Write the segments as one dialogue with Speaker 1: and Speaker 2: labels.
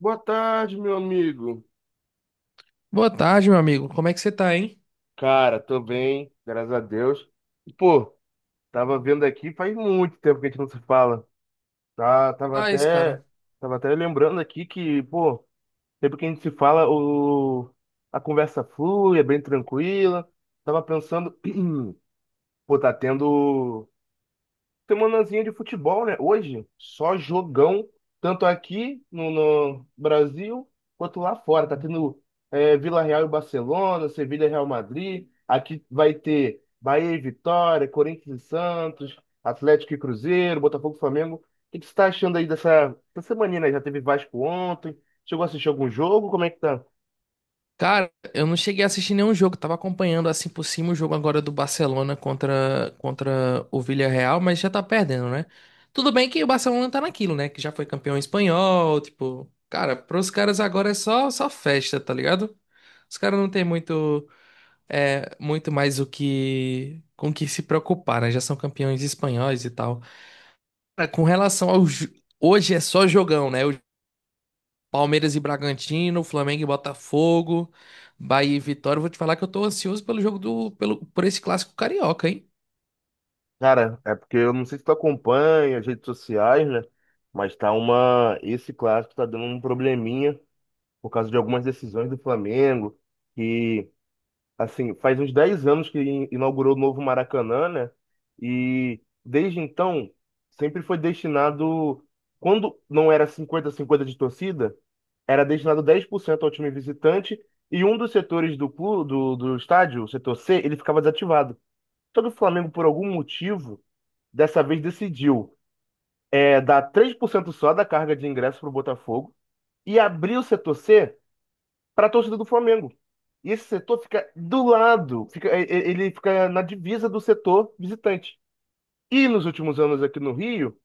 Speaker 1: Boa tarde, meu amigo.
Speaker 2: Boa tarde, meu amigo. Como é que você tá, hein?
Speaker 1: Cara, tô bem, graças a Deus. E, pô, tava vendo aqui faz muito tempo que a gente não se fala. Tá, tava
Speaker 2: Ah, isso,
Speaker 1: até,
Speaker 2: cara.
Speaker 1: tava até lembrando aqui que, pô, sempre que a gente se fala, a conversa flui, é bem tranquila. Tava pensando, pô, tá tendo. semanazinha de futebol, né? Hoje, só jogão, tanto aqui no Brasil quanto lá fora. Tá tendo Vila Real e Barcelona, Sevilha e Real Madrid. Aqui vai ter Bahia e Vitória, Corinthians e Santos, Atlético e Cruzeiro, Botafogo e Flamengo. O que que você tá achando aí dessa semana, né? Já teve Vasco ontem. Chegou a assistir algum jogo? Como é que tá?
Speaker 2: Cara, eu não cheguei a assistir nenhum jogo. Tava acompanhando assim por cima o jogo agora do Barcelona contra o Villarreal, mas já tá perdendo, né? Tudo bem que o Barcelona tá naquilo, né? Que já foi campeão espanhol, tipo, cara, pros caras agora é só festa, tá ligado? Os caras não têm muito, muito mais o que com que se preocupar, né? Já são campeões espanhóis e tal. Cara, com relação ao hoje é só jogão, né? Palmeiras e Bragantino, Flamengo e Botafogo, Bahia e Vitória. Eu vou te falar que eu tô ansioso pelo jogo por esse clássico carioca, hein?
Speaker 1: Cara, é porque eu não sei se tu acompanha as redes sociais, né? Mas tá uma. esse clássico tá dando um probleminha por causa de algumas decisões do Flamengo, que, assim, faz uns 10 anos que inaugurou o novo Maracanã, né? E desde então, sempre foi destinado, quando não era 50 cinquenta de torcida, era destinado 10% ao time visitante e um dos setores do clube, do estádio, o setor C, ele ficava desativado. Só que o Flamengo, por algum motivo, dessa vez decidiu dar 3% só da carga de ingresso para o Botafogo e abrir o setor C para a torcida do Flamengo. E esse setor fica do lado, ele fica na divisa do setor visitante. E nos últimos anos aqui no Rio,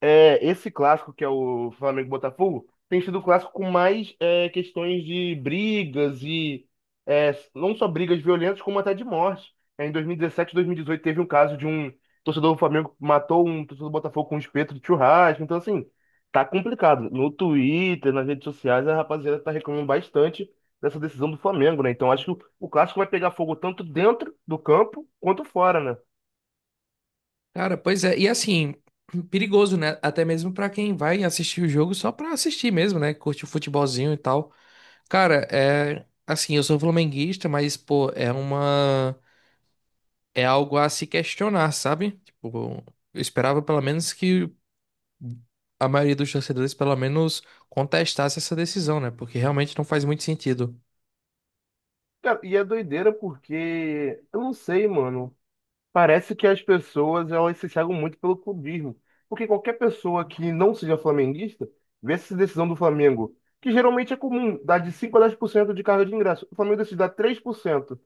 Speaker 1: é, esse clássico que é o Flamengo e Botafogo tem sido o clássico com mais questões de brigas e não só brigas violentas, como até de morte. Em 2017, 2018 teve um caso de um torcedor do Flamengo que matou um torcedor do Botafogo com um espeto de churrasco. Então, assim, tá complicado. No Twitter, nas redes sociais, a rapaziada tá reclamando bastante dessa decisão do Flamengo, né? Então, acho que o clássico vai pegar fogo tanto dentro do campo quanto fora, né?
Speaker 2: Cara, pois é. E assim, perigoso, né? Até mesmo pra quem vai assistir o jogo só pra assistir mesmo, né? Curte o futebolzinho e tal. Cara, é assim, eu sou flamenguista, mas pô, é uma é algo a se questionar, sabe? Tipo, eu esperava pelo menos que a maioria dos torcedores pelo menos contestasse essa decisão, né? Porque realmente não faz muito sentido.
Speaker 1: Cara, e é doideira porque eu não sei, mano. Parece que as pessoas elas se cegam muito pelo clubismo, porque qualquer pessoa que não seja flamenguista vê essa decisão do Flamengo, que geralmente é comum, dá de 5% a 10% de carga de ingresso. O Flamengo decide dar 3%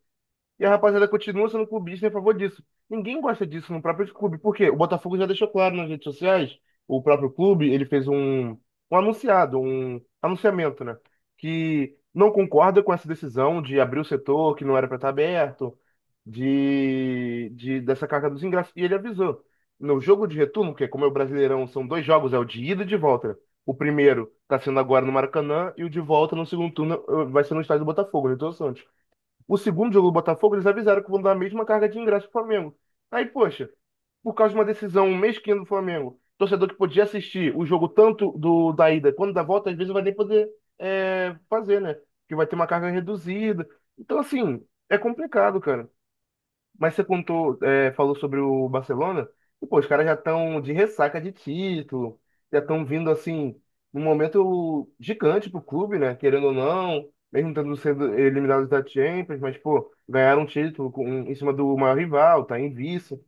Speaker 1: e a rapaziada continua sendo clubista em favor disso. Ninguém gosta disso no próprio clube. Por quê? O Botafogo já deixou claro nas redes sociais, o próprio clube, ele fez um anunciamento, né? Que não concorda com essa decisão de abrir o setor que não era para estar aberto, de dessa carga dos ingressos. E ele avisou. No jogo de retorno, que é como é o Brasileirão, são dois jogos, é o de ida e de volta, né? O primeiro está sendo agora no Maracanã e o de volta no segundo turno eh, vai ser no estádio do Botafogo, no Newton Santos. O segundo jogo do Botafogo, eles avisaram que vão dar a mesma carga de ingresso pro Flamengo. Aí, poxa, por causa de uma decisão mesquinha do Flamengo, torcedor que podia assistir o jogo tanto do da ida quanto da volta, às vezes não vai nem poder fazer, né? Porque vai ter uma carga reduzida. Então, assim, é complicado, cara. Mas você contou, é, falou sobre o Barcelona, e pô, os caras já estão de ressaca de título, já estão vindo assim, num momento gigante pro clube, né? Querendo ou não, mesmo tendo sendo eliminados da Champions, mas pô, ganharam um título com- em cima do maior rival, tá em vice.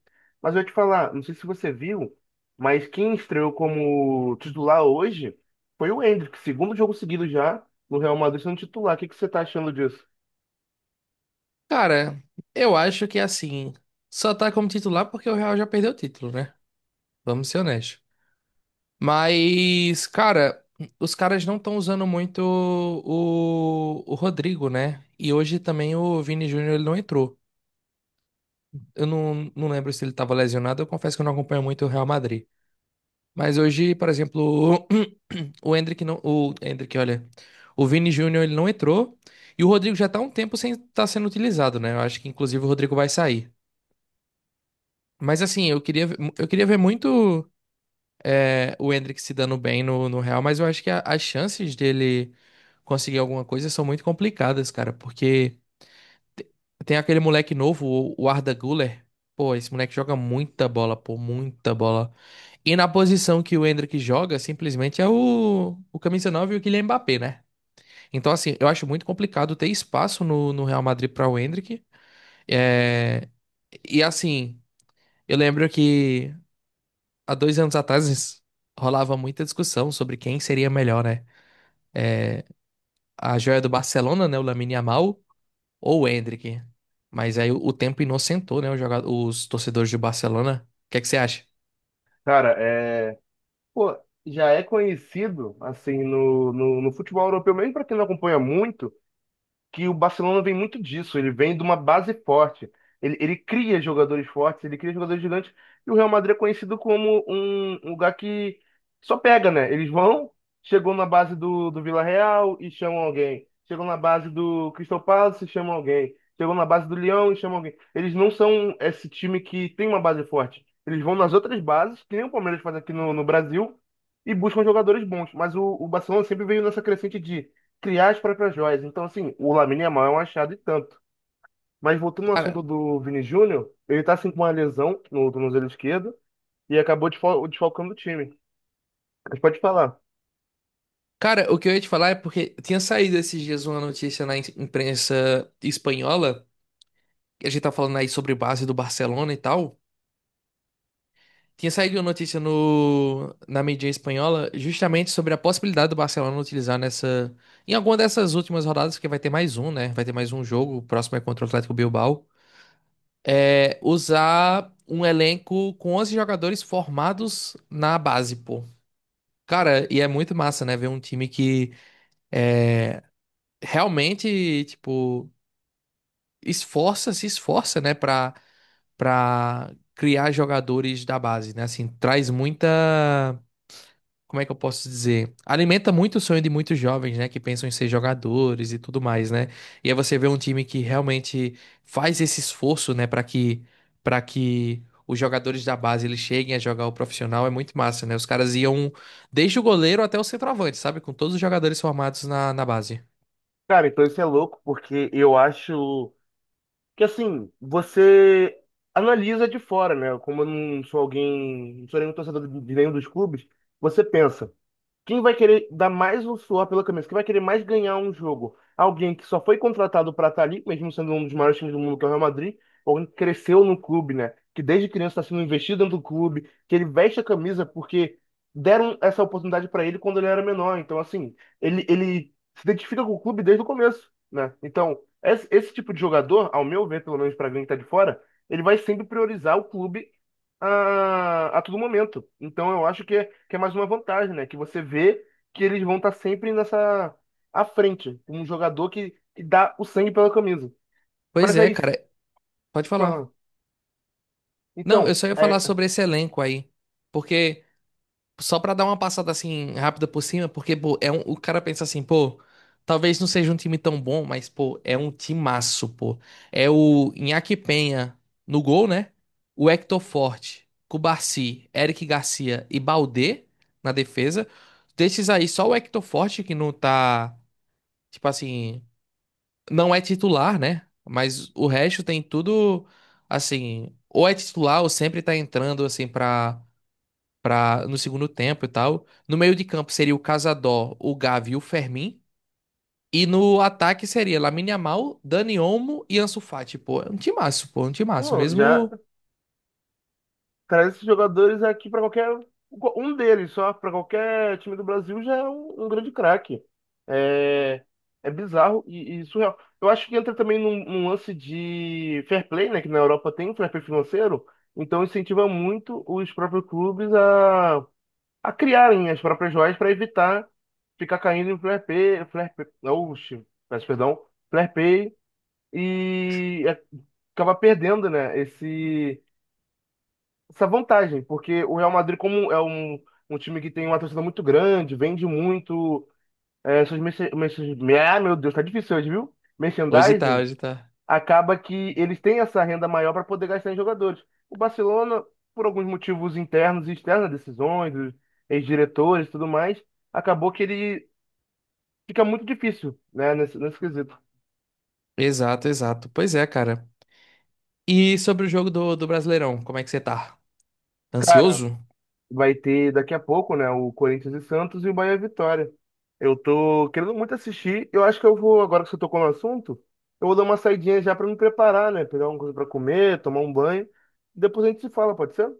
Speaker 1: Mas eu ia te falar, não sei se você viu, mas quem estreou como titular hoje foi o Endrick, segundo jogo seguido já, no Real Madrid sendo titular. O que que você tá achando disso?
Speaker 2: Cara, eu acho que assim, só tá como titular porque o Real já perdeu o título, né? Vamos ser honestos. Mas, cara, os caras não estão usando muito o Rodrigo, né? E hoje também o Vini Júnior ele não entrou. Eu não lembro se ele tava lesionado, eu confesso que eu não acompanho muito o Real Madrid. Mas hoje, por exemplo, o Endrick não, o Endrick, olha, o Vini Júnior ele não entrou e o Rodrigo já tá há um tempo sem estar sendo utilizado, né? Eu acho que inclusive o Rodrigo vai sair. Mas assim, eu queria, eu queria ver muito o Endrick se dando bem no Real, mas eu acho que as chances dele conseguir alguma coisa são muito complicadas, cara, porque te- tem aquele moleque novo, o Arda Güler. Pô, esse moleque joga muita bola, pô, muita bola. E na posição que o Endrick joga, simplesmente é o camisa 9 e o Kylian Mbappé, né? Então, assim, eu acho muito complicado ter espaço no Real Madrid para o Endrick. É, e assim, eu lembro que há dois anos atrás rolava muita discussão sobre quem seria melhor, né? A joia do Barcelona, né? O Lamine Yamal ou o Endrick. Mas aí o tempo inocentou, né? Os torcedores do Barcelona. O que é que você acha?
Speaker 1: Cara, é, pô, já é conhecido, assim, no futebol europeu, mesmo para quem não acompanha muito, que o Barcelona vem muito disso, ele vem de uma base forte. Ele cria jogadores fortes, ele cria jogadores gigantes, e o Real Madrid é conhecido como um lugar que só pega, né? Eles vão, chegou na base do Villarreal e chamam alguém. Chegou na base do Crystal Palace e chamam alguém. Chegou na base do Lyon e chamam alguém. Eles não são esse time que tem uma base forte. Eles vão nas outras bases, que nem o Palmeiras faz aqui no Brasil, e buscam jogadores bons. Mas o Barcelona sempre veio nessa crescente de criar as próprias joias. Então, assim, o Lamine Yamal é um achado e tanto. Mas voltando ao assunto
Speaker 2: Cara,
Speaker 1: do Vini Júnior, ele tá assim com uma lesão no tornozelo esquerdo e acabou desfalcando o time. Mas pode falar.
Speaker 2: cara, o que eu ia te falar é porque tinha saído esses dias uma notícia na imprensa espanhola. Que a gente tá falando aí sobre base do Barcelona e tal. Tinha saído uma notícia no, na mídia espanhola justamente sobre a possibilidade do Barcelona utilizar nessa, em alguma dessas últimas rodadas, que vai ter mais um, né? Vai ter mais um jogo, o próximo é contra o Atlético Bilbao. É, usar um elenco com 11 jogadores formados na base, pô. Cara, e é muito massa, né? Ver um time que realmente, tipo, esforça, se esforça, né? Pra criar jogadores da base, né? Assim, traz muita, como é que eu posso dizer? Alimenta muito o sonho de muitos jovens, né, que pensam em ser jogadores e tudo mais, né? E aí você vê um time que realmente faz esse esforço, né, para que os jogadores da base eles cheguem a jogar o profissional é muito massa, né? Os caras iam desde o goleiro até o centroavante, sabe? Com todos os jogadores formados na base.
Speaker 1: Cara, então isso é louco, porque eu acho que assim, você analisa de fora, né? Como eu não sou alguém, não sou nenhum torcedor de nenhum dos clubes, você pensa. Quem vai querer dar mais o suor pela camisa? Quem vai querer mais ganhar um jogo? Alguém que só foi contratado para estar ali, mesmo sendo um dos maiores times do mundo, que é o Real Madrid, ou alguém que cresceu no clube, né? Que desde criança está sendo investido dentro do clube, que ele veste a camisa porque deram essa oportunidade para ele quando ele era menor. Então, assim, ele se identifica com o clube desde o começo, né? Então, esse tipo de jogador, ao meu ver, pelo menos para alguém que está de fora, ele vai sempre priorizar o clube a todo momento. Então, eu acho que é mais uma vantagem, né? Que você vê que eles vão estar sempre nessa à frente, um jogador que dá o sangue pela camisa.
Speaker 2: Pois
Speaker 1: Mas
Speaker 2: é,
Speaker 1: aí,
Speaker 2: cara, pode falar.
Speaker 1: fala,
Speaker 2: Não, eu
Speaker 1: então,
Speaker 2: só ia falar sobre esse elenco aí, porque só pra dar uma passada assim rápida por cima, porque pô, é um, o cara pensa assim, pô, talvez não seja um time tão bom, mas pô, é um timaço, pô. É o Iñaki Penha no gol, né? O Hector Forte, Cubarci, Eric Garcia e Baldé na defesa. Desses aí, só o Hector Forte que não tá, tipo assim, não é titular, né? Mas o resto tem tudo assim, ou é titular ou sempre tá entrando assim pra no segundo tempo e tal. No meio de campo seria o Casador, o Gavi e o Fermin. E no ataque seria Lamine Yamal, Dani Olmo e Ansu Fati. Pô, é um timaço, pô, é um timaço
Speaker 1: pô, já
Speaker 2: mesmo.
Speaker 1: traz esses jogadores aqui para qualquer um deles só para qualquer time do Brasil já é um grande craque. É, é bizarro e surreal. Eu acho que entra também num lance de fair play, né? Que na Europa tem um fair play financeiro, então incentiva muito os próprios clubes a criarem as próprias joias para evitar ficar caindo em flare pay, oxe, peço perdão, flare pay e é- acaba perdendo, né, esse, essa vantagem, porque o Real Madrid, como é um time que tem uma torcida muito grande, vende muito, é, ah, meu Deus, tá difícil hoje, viu?
Speaker 2: Hoje tá,
Speaker 1: Merchandising,
Speaker 2: hoje tá.
Speaker 1: acaba que eles têm essa renda maior para poder gastar em jogadores. O Barcelona, por alguns motivos internos e externos, decisões, dos ex-diretores e tudo mais, acabou que ele fica muito difícil, né, nesse quesito.
Speaker 2: Exato, exato. Pois é, cara. E sobre o jogo do, do Brasileirão, como é que você tá?
Speaker 1: Cara,
Speaker 2: Ansioso?
Speaker 1: vai ter daqui a pouco, né, o Corinthians e Santos e o Bahia e Vitória. Eu tô querendo muito assistir. Eu acho que eu vou, agora que você tocou no assunto, eu vou dar uma saidinha já para me preparar, né, pegar alguma coisa para comer, tomar um banho. Depois a gente se fala, pode ser?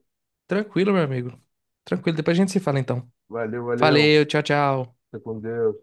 Speaker 2: Tranquilo, meu amigo. Tranquilo, depois a gente se fala então.
Speaker 1: Valeu, valeu.
Speaker 2: Valeu, tchau, tchau.
Speaker 1: Fica com Deus.